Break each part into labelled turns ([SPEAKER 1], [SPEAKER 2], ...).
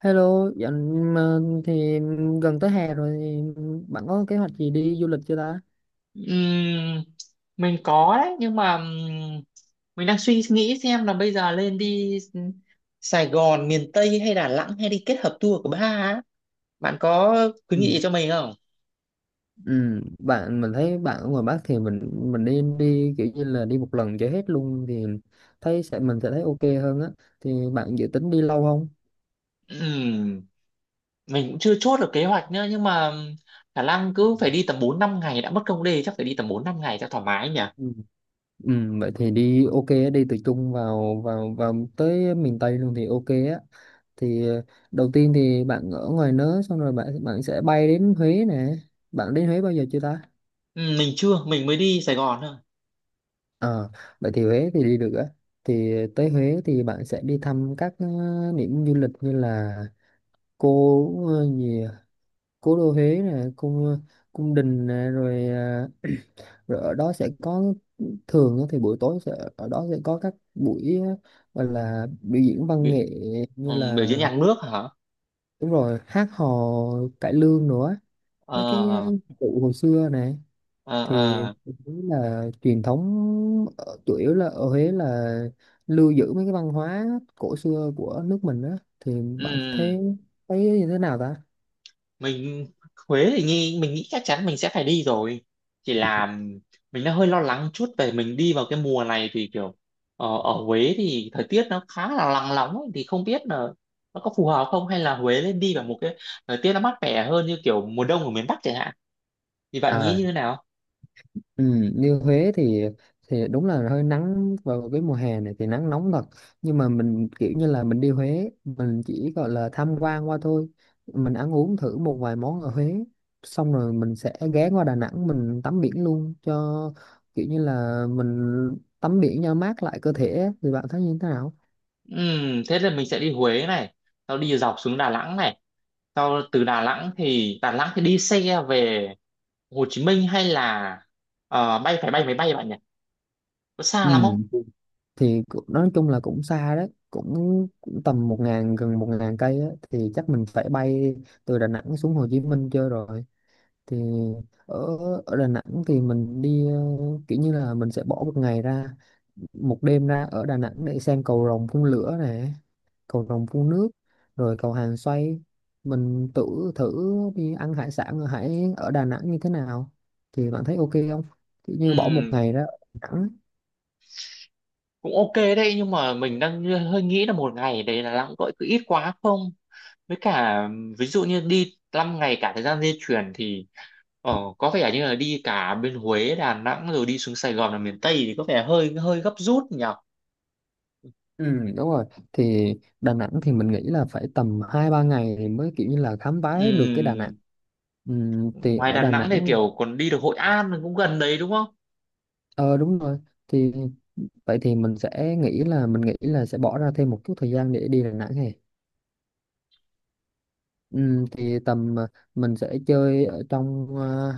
[SPEAKER 1] Hello, dạo mà thì gần tới hè rồi thì bạn có kế hoạch gì đi du lịch chưa ta?
[SPEAKER 2] Ừm, mình có đấy nhưng mà mình đang suy nghĩ xem là bây giờ lên đi Sài Gòn miền Tây hay Đà Nẵng hay đi kết hợp tour của ba á. Bạn có khuyến
[SPEAKER 1] Ừ.
[SPEAKER 2] nghị gì cho mình không?
[SPEAKER 1] Ừ, bạn mình thấy bạn ở ngoài Bắc thì mình đi đi kiểu như là đi một lần cho hết luôn thì thấy sẽ mình sẽ thấy ok hơn á. Thì bạn dự tính đi lâu không?
[SPEAKER 2] Ừm, mình cũng chưa chốt được kế hoạch nữa nhưng mà khả năng cứ phải đi tầm 4-5 ngày đã mất công đê, chắc phải đi tầm 4-5 ngày cho thoải mái nhỉ.
[SPEAKER 1] Ừ. Ừ, vậy thì đi ok á, đi từ Trung vào vào vào tới miền Tây luôn thì ok á. Thì đầu tiên thì bạn ở ngoài nớ xong rồi bạn bạn sẽ bay đến Huế nè. Bạn đến Huế bao giờ chưa ta?
[SPEAKER 2] Mình chưa, mình mới đi Sài Gòn thôi.
[SPEAKER 1] Ờ, vậy thì Huế thì đi được á. Thì tới Huế thì bạn sẽ đi thăm các điểm du lịch như là gì à? Cố đô Huế nè, cung đình nè, rồi, rồi ở đó sẽ có thường á thì buổi tối ở đó sẽ có các buổi gọi là biểu diễn văn
[SPEAKER 2] Bị,
[SPEAKER 1] nghệ như
[SPEAKER 2] biểu diễn
[SPEAKER 1] là
[SPEAKER 2] nhạc nước hả?
[SPEAKER 1] đúng rồi, hát hò cải lương nữa, mấy cái
[SPEAKER 2] Ờ
[SPEAKER 1] cụ hồi xưa nè
[SPEAKER 2] ờ
[SPEAKER 1] thì
[SPEAKER 2] ờ.
[SPEAKER 1] thấy là truyền thống, chủ yếu là ở Huế là lưu giữ mấy cái văn hóa cổ xưa của nước mình á, thì bạn thấy thấy như thế nào ta?
[SPEAKER 2] mình Huế thì mình nghĩ chắc chắn mình sẽ phải đi rồi, chỉ là mình đang hơi lo lắng chút về mình đi vào cái mùa này thì kiểu ở Huế thì thời tiết nó khá là nắng nóng ấy, thì không biết là nó có phù hợp không, hay là Huế nên đi vào một cái thời tiết nó mát mẻ hơn như kiểu mùa đông ở miền Bắc chẳng hạn, thì bạn nghĩ
[SPEAKER 1] À.
[SPEAKER 2] như thế nào?
[SPEAKER 1] Ừ, như Huế thì đúng là hơi nắng, vào cái mùa hè này thì nắng nóng thật, nhưng mà mình kiểu như là mình đi Huế mình chỉ gọi là tham quan qua thôi, mình ăn uống thử một vài món ở Huế xong rồi mình sẽ ghé qua Đà Nẵng mình tắm biển luôn cho kiểu như là mình tắm biển cho mát lại cơ thể á. Thì bạn thấy như thế nào?
[SPEAKER 2] Thế là mình sẽ đi Huế này, sau đi dọc xuống Đà Nẵng này, sau từ Đà Nẵng thì đi xe về Hồ Chí Minh hay là bay, phải bay máy bay bạn nhỉ, có
[SPEAKER 1] Ừ,
[SPEAKER 2] xa lắm không?
[SPEAKER 1] thì nói chung là cũng xa đấy, cũng tầm một ngàn gần 1.000 cây á thì chắc mình phải bay từ Đà Nẵng xuống Hồ Chí Minh chơi rồi. Thì ở ở Đà Nẵng thì mình đi kiểu như là mình sẽ bỏ một ngày ra, một đêm ra ở Đà Nẵng để xem cầu rồng phun lửa nè, cầu rồng phun nước, rồi cầu hàng xoay. Mình tự thử đi ăn hải sản ở Đà Nẵng như thế nào, thì bạn thấy ok không, kiểu như bỏ một
[SPEAKER 2] Ừ,
[SPEAKER 1] ngày ra ở Đà Nẵng.
[SPEAKER 2] cũng ok đấy, nhưng mà mình đang hơi nghĩ là một ngày đấy là lãng, gọi cứ ít quá không, với cả ví dụ như đi 5 ngày cả thời gian di chuyển thì có vẻ như là đi cả bên Huế Đà Nẵng rồi đi xuống Sài Gòn là miền Tây thì có vẻ hơi hơi gấp rút nhỉ.
[SPEAKER 1] Ừ, đúng rồi, thì Đà Nẵng thì mình nghĩ là phải tầm 2-3 ngày thì mới kiểu như là khám phá hết được cái Đà Nẵng.
[SPEAKER 2] Ừm,
[SPEAKER 1] Thì
[SPEAKER 2] ngoài
[SPEAKER 1] ở
[SPEAKER 2] Đà
[SPEAKER 1] Đà
[SPEAKER 2] Nẵng thì
[SPEAKER 1] Nẵng
[SPEAKER 2] kiểu còn đi được Hội An cũng gần đấy đúng không?
[SPEAKER 1] ờ đúng rồi, thì vậy thì mình nghĩ là sẽ bỏ ra thêm một chút thời gian để đi Đà Nẵng này. Thì tầm mình sẽ chơi ở trong ờ,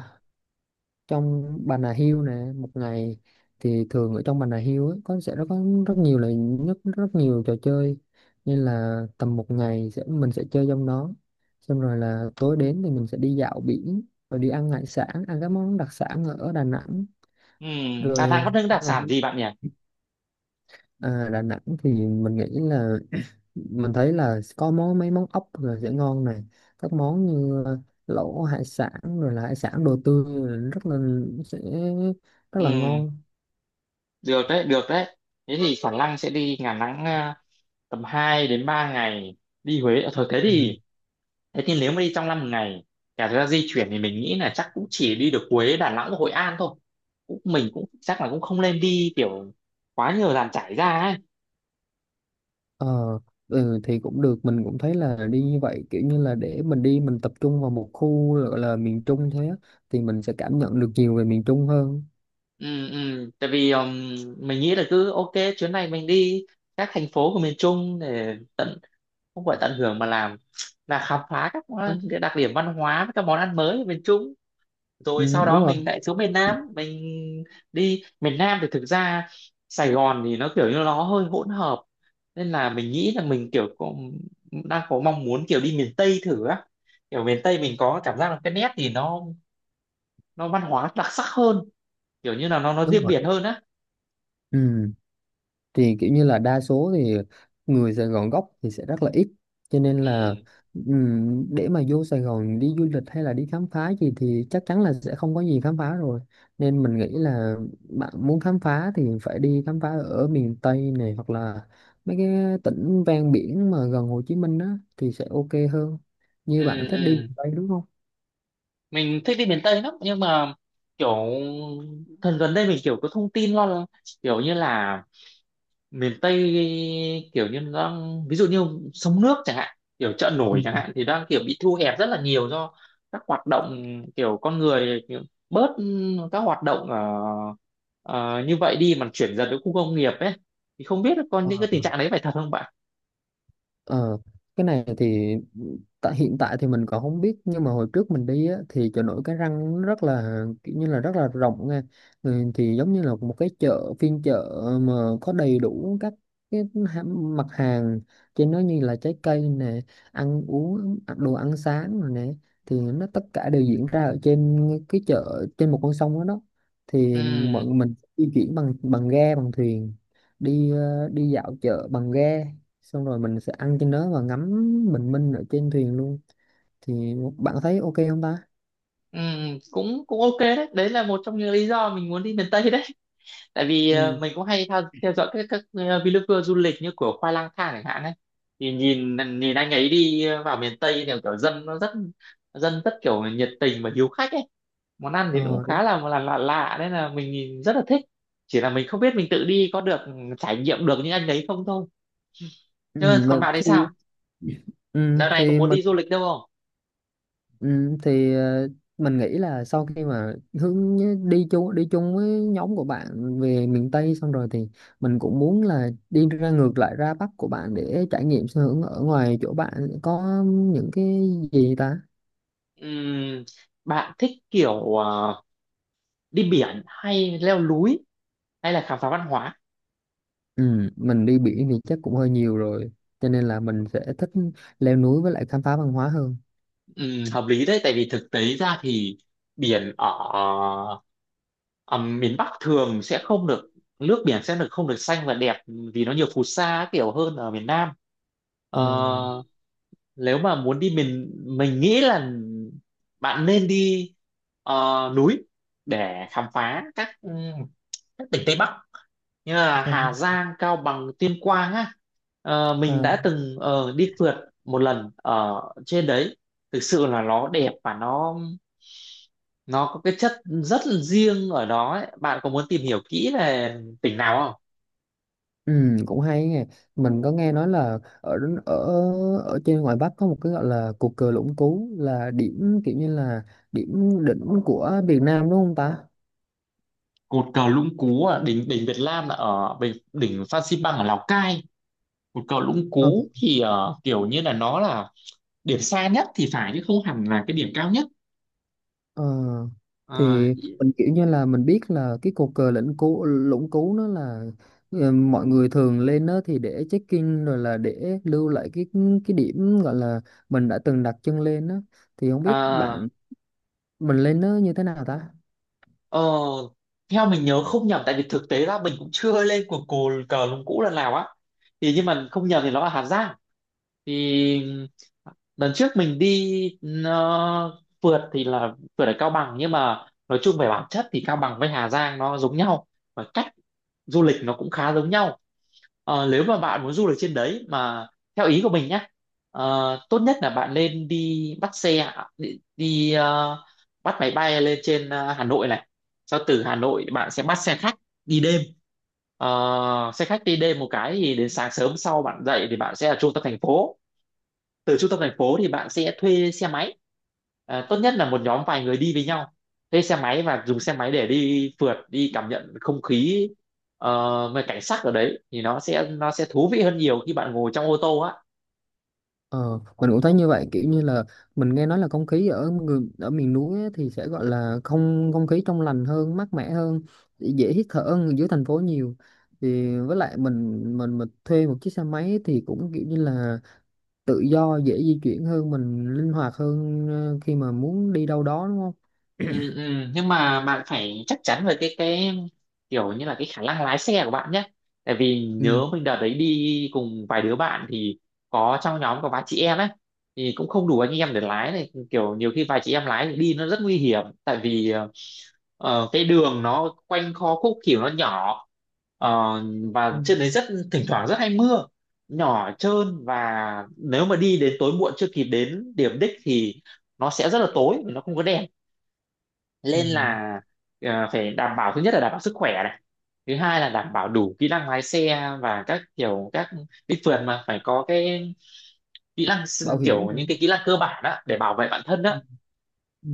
[SPEAKER 1] trong Bà Nà Hills nè một ngày. Thì thường ở trong Bà Nà Hills ấy, có sẽ nó có rất nhiều là rất rất nhiều trò chơi nên là tầm một ngày mình sẽ chơi trong đó, xong rồi là tối đến thì mình sẽ đi dạo biển, rồi đi ăn hải sản, ăn các món đặc sản ở Đà Nẵng.
[SPEAKER 2] Đà Nẵng có
[SPEAKER 1] Rồi
[SPEAKER 2] những
[SPEAKER 1] sau
[SPEAKER 2] đặc
[SPEAKER 1] ngày
[SPEAKER 2] sản gì bạn nhỉ?
[SPEAKER 1] à, Đà Nẵng thì mình nghĩ là mình thấy là có mấy món ốc là sẽ ngon này, các món như lẩu hải sản, rồi là hải sản đồ tươi là sẽ rất là
[SPEAKER 2] Ừ.
[SPEAKER 1] ngon.
[SPEAKER 2] Được đấy, được đấy, thế thì khả năng sẽ đi Đà Nẵng à, tầm 2 đến 3 ngày, đi Huế. Ờ, thôi thế
[SPEAKER 1] Ừ.
[SPEAKER 2] thì thế thì nếu mà đi trong năm một ngày cả thời gian di chuyển thì mình nghĩ là chắc cũng chỉ đi được Huế Đà Nẵng và Hội An thôi, mình cũng chắc là cũng không nên đi kiểu quá nhiều dàn trải ra ấy.
[SPEAKER 1] Ờ, ừ, thì cũng được, mình cũng thấy là đi như vậy kiểu như là để mình đi mình tập trung vào một khu gọi là miền Trung thôi á, thì mình sẽ cảm nhận được nhiều về miền Trung hơn.
[SPEAKER 2] Ừ, ừ. Tại vì mình nghĩ là cứ ok, chuyến này mình đi các thành phố của miền Trung để tận, không gọi tận hưởng mà làm, là khám phá
[SPEAKER 1] Đó.
[SPEAKER 2] cái đặc điểm văn hóa với các món ăn mới ở miền Trung,
[SPEAKER 1] Ừ,
[SPEAKER 2] rồi sau
[SPEAKER 1] đúng
[SPEAKER 2] đó
[SPEAKER 1] rồi,
[SPEAKER 2] mình lại xuống miền Nam mình. Đi miền Nam thì thực ra Sài Gòn thì nó kiểu như nó hơi hỗn hợp, nên là mình nghĩ là mình kiểu đang có mong muốn kiểu đi miền Tây thử á. Kiểu miền Tây mình có cảm giác là cái nét thì nó văn hóa đặc sắc hơn, kiểu như là nó
[SPEAKER 1] đúng
[SPEAKER 2] riêng
[SPEAKER 1] rồi.
[SPEAKER 2] biệt hơn á.
[SPEAKER 1] Ừ, thì kiểu như là đa số thì người Sài Gòn gốc thì sẽ rất là ít, cho nên
[SPEAKER 2] Ừ,
[SPEAKER 1] là để mà vô Sài Gòn đi du lịch hay là đi khám phá gì thì chắc chắn là sẽ không có gì khám phá rồi, nên mình nghĩ là bạn muốn khám phá thì phải đi khám phá ở miền Tây này, hoặc là mấy cái tỉnh ven biển mà gần Hồ Chí Minh á thì sẽ ok hơn, như bạn
[SPEAKER 2] ừ,
[SPEAKER 1] thích đi
[SPEAKER 2] ừ.
[SPEAKER 1] miền Tây đúng không?
[SPEAKER 2] Mình thích đi miền Tây lắm nhưng mà kiểu gần đây mình kiểu có thông tin lo, kiểu như là miền Tây kiểu như nó đang, ví dụ như sông nước chẳng hạn, kiểu chợ nổi
[SPEAKER 1] Ừ.
[SPEAKER 2] chẳng hạn, thì đang kiểu bị thu hẹp rất là nhiều, do các hoạt động kiểu con người kiểu bớt các hoạt động ở, ờ, như vậy đi mà chuyển dần đến khu công nghiệp ấy, thì không biết là còn những cái tình
[SPEAKER 1] Wow.
[SPEAKER 2] trạng đấy phải thật không bạn?
[SPEAKER 1] Ờ, cái này thì tại hiện tại thì mình còn không biết, nhưng mà hồi trước mình đi á, thì chợ nổi Cái Răng nó rất là kiểu như là rất là rộng nha. Ừ, thì giống như là một cái chợ, phiên chợ mà có đầy đủ các cái ha- mặt hàng trên nó, như là trái cây nè, ăn uống à, đồ ăn sáng rồi nè, thì nó tất cả đều diễn ra ở trên cái chợ, trên một con sông đó đó.
[SPEAKER 2] Ừ,
[SPEAKER 1] Thì bọn mình di chuyển bằng bằng ghe bằng thuyền, đi dạo chợ bằng ghe, xong rồi mình sẽ ăn trên đó và ngắm bình minh ở trên thuyền luôn. Thì bạn thấy ok không ta?
[SPEAKER 2] ừ, cũng cũng ok đấy, đấy là một trong những lý do mình muốn đi miền Tây đấy, tại vì
[SPEAKER 1] Ừ.
[SPEAKER 2] mình cũng hay theo dõi các vlogger du lịch như của Khoai Lang Thang chẳng hạn ấy. Thì nhìn nhìn anh ấy đi vào miền Tây thì kiểu dân rất kiểu nhiệt tình và hiếu khách ấy, món ăn thì nó cũng
[SPEAKER 1] Ờ, đúng.
[SPEAKER 2] khá là lạ lạ nên là mình nhìn rất là thích, chỉ là mình không biết mình tự đi có được trải nghiệm được những anh đấy không thôi.
[SPEAKER 1] Ừ,
[SPEAKER 2] Thế
[SPEAKER 1] mà
[SPEAKER 2] còn bạn thì
[SPEAKER 1] thì
[SPEAKER 2] sao?
[SPEAKER 1] ừ,
[SPEAKER 2] Đợt này có
[SPEAKER 1] thì
[SPEAKER 2] muốn
[SPEAKER 1] mình
[SPEAKER 2] đi du lịch đâu không?
[SPEAKER 1] ừ, thì ờ, mình nghĩ là sau khi mà đi chung với nhóm của bạn về miền Tây xong rồi thì mình cũng muốn là đi ra ngược lại ra Bắc của bạn để trải nghiệm xem ở ở ngoài chỗ bạn có những cái gì ta.
[SPEAKER 2] Ừm, bạn thích kiểu đi biển hay leo núi hay là khám phá văn hóa?
[SPEAKER 1] Ừ, mình đi biển thì chắc cũng hơi nhiều rồi, cho nên là mình sẽ thích leo núi với lại khám phá văn hóa hơn.
[SPEAKER 2] Ừ, hợp lý đấy, tại vì thực tế ra thì biển ở, Ờ, miền Bắc thường sẽ không được, nước biển sẽ được không được xanh và đẹp, vì nó nhiều phù sa kiểu hơn ở miền Nam. Ờ,
[SPEAKER 1] Ờ.
[SPEAKER 2] nếu mà muốn đi mình nghĩ là bạn nên đi ờ, núi để khám phá các tỉnh Tây Bắc như là
[SPEAKER 1] Ờ.
[SPEAKER 2] Hà Giang, Cao Bằng, Tuyên Quang á. Ờ,
[SPEAKER 1] Ờ.
[SPEAKER 2] mình đã từng đi phượt một lần ở trên đấy, thực sự là nó đẹp và nó có cái chất rất là riêng ở đó ấy. Bạn có muốn tìm hiểu kỹ về tỉnh nào không?
[SPEAKER 1] Ừ, cũng hay nghe, mình có nghe nói là ở ở ở trên ngoài Bắc có một cái gọi là cột cờ Lũng Cú, là điểm kiểu như là điểm đỉnh của Việt Nam đúng không ta?
[SPEAKER 2] Cột cờ Lũng Cú ở đỉnh đỉnh Việt Nam là ở đỉnh Phan Xipang ở Lào Cai. Cột cờ Lũng
[SPEAKER 1] Ờ.
[SPEAKER 2] Cú thì kiểu như là nó là điểm xa nhất thì phải, chứ không hẳn là cái điểm cao nhất.
[SPEAKER 1] Ờ,
[SPEAKER 2] Ờ,
[SPEAKER 1] thì mình kiểu như là mình biết là cái cột cờ Lũng Cú Lũng Cú nó là mọi người thường lên đó thì để check-in, rồi là để lưu lại cái điểm gọi là mình đã từng đặt chân lên đó, thì không biết
[SPEAKER 2] à,
[SPEAKER 1] bạn mình lên đó như thế nào ta.
[SPEAKER 2] ờ, theo mình nhớ không nhầm, tại vì thực tế ra mình cũng chưa lên cột cờ Lũng Cú lần nào á. Thì nhưng mà không nhầm thì nó là Hà Giang. Thì lần trước mình đi nó phượt thì là phượt ở Cao Bằng, nhưng mà nói chung về bản chất thì Cao Bằng với Hà Giang nó giống nhau, và cách du lịch nó cũng khá giống nhau. Ờ, nếu mà bạn muốn du lịch trên đấy mà theo ý của mình nhá, tốt nhất là bạn nên đi bắt xe, đi, bắt máy bay lên trên Hà Nội này, sau từ Hà Nội bạn sẽ bắt xe khách đi đêm. Ờ, xe khách đi đêm một cái thì đến sáng sớm sau bạn dậy thì bạn sẽ ở trung tâm thành phố, từ trung tâm thành phố thì bạn sẽ thuê xe máy, à, tốt nhất là một nhóm vài người đi với nhau, thuê xe máy và dùng xe máy để đi phượt, đi cảm nhận không khí, về cảnh sắc ở đấy thì nó sẽ thú vị hơn nhiều khi bạn ngồi trong ô tô á.
[SPEAKER 1] Ờ, mình cũng thấy như vậy, kiểu như là mình nghe nói là không khí ở người ở miền núi á thì sẽ gọi là không không khí trong lành hơn, mát mẻ hơn, dễ hít thở hơn dưới thành phố nhiều, thì với lại mình thuê một chiếc xe máy thì cũng kiểu như là tự do, dễ di chuyển hơn, mình linh hoạt hơn khi mà muốn đi đâu đó đúng không?
[SPEAKER 2] Ừ, ừ. Nhưng mà bạn phải chắc chắn về cái kiểu như là cái khả năng lái xe của bạn nhé, tại vì
[SPEAKER 1] Ừ.
[SPEAKER 2] nhớ mình đợt đấy đi cùng vài đứa bạn thì có, trong nhóm có vài chị em ấy thì cũng không đủ anh em để lái này, kiểu nhiều khi vài chị em lái thì đi nó rất nguy hiểm, tại vì cái đường nó quanh co khúc, kiểu nó nhỏ, Ờ,
[SPEAKER 1] Ừ.
[SPEAKER 2] và trên đấy thỉnh thoảng rất hay mưa nhỏ, trơn, và nếu mà đi đến tối muộn chưa kịp đến điểm đích thì nó sẽ rất là tối, nó không có đèn,
[SPEAKER 1] Ừ.
[SPEAKER 2] nên là phải đảm bảo, thứ nhất là đảm bảo sức khỏe này, thứ hai là đảm bảo đủ kỹ năng lái xe, và các kiểu các đi phượt mà phải có cái
[SPEAKER 1] Bảo hiểm
[SPEAKER 2] kiểu
[SPEAKER 1] nữa.
[SPEAKER 2] những cái kỹ năng cơ bản đó để bảo vệ bản thân
[SPEAKER 1] Ừ.
[SPEAKER 2] đó,
[SPEAKER 1] Ừ.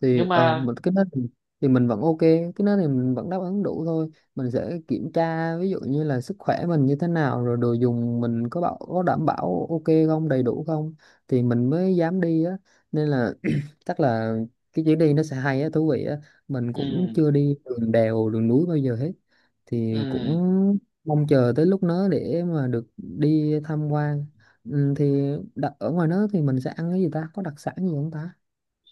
[SPEAKER 1] Thì
[SPEAKER 2] nhưng mà
[SPEAKER 1] mình cái đó thì mình vẫn ok, cái đó thì mình vẫn đáp ứng đủ thôi, mình sẽ kiểm tra ví dụ như là sức khỏe mình như thế nào, rồi đồ dùng mình có bảo có đảm bảo ok không, đầy đủ không, thì mình mới dám đi á, nên là chắc là cái chuyến đi nó sẽ hay á, thú vị á, mình cũng
[SPEAKER 2] ừ,
[SPEAKER 1] chưa đi đường đèo đường núi bao giờ hết, thì
[SPEAKER 2] ừ.
[SPEAKER 1] cũng mong chờ tới lúc nó để mà được đi tham quan. Ừ, thì đặt ở ngoài đó thì mình sẽ ăn cái gì ta, có đặc sản gì không ta?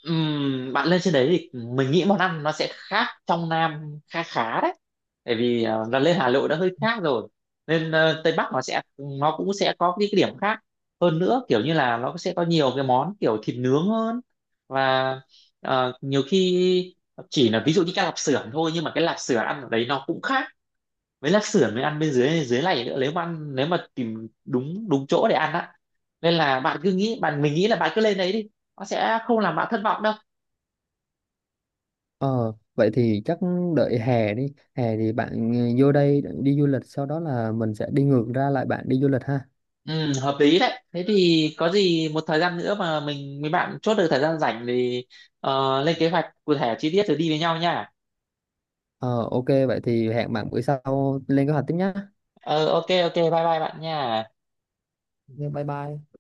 [SPEAKER 2] Bạn lên trên đấy thì mình nghĩ món ăn nó sẽ khác trong Nam khá khá đấy, bởi vì là lên Hà Nội đã hơi khác rồi, nên Tây Bắc nó cũng sẽ có cái điểm khác hơn nữa, kiểu như là nó sẽ có nhiều cái món kiểu thịt nướng hơn, và nhiều khi chỉ là ví dụ như cái lạp xưởng thôi, nhưng mà cái lạp xưởng ăn ở đấy nó cũng khác với lạp xưởng mới ăn bên dưới dưới này nữa, nếu mà tìm đúng đúng chỗ để ăn á, nên là bạn cứ nghĩ bạn mình nghĩ là bạn cứ lên đấy đi, nó sẽ không làm bạn thất vọng đâu.
[SPEAKER 1] Ờ, vậy thì chắc đợi hè đi. Hè thì bạn, ừ, vô đây đi du lịch, sau đó là mình sẽ đi ngược ra lại bạn đi du lịch ha.
[SPEAKER 2] Ừ, hợp lý đấy. Thế thì có gì một thời gian nữa mà mình, mấy bạn chốt được thời gian rảnh thì lên kế hoạch cụ thể chi tiết rồi đi với nhau nha.
[SPEAKER 1] Ờ, ok, vậy thì hẹn bạn bữa sau lên kế hoạch tiếp nhá.
[SPEAKER 2] Ờ, ok ok, bye bye bạn nha.
[SPEAKER 1] Ok, bye bye.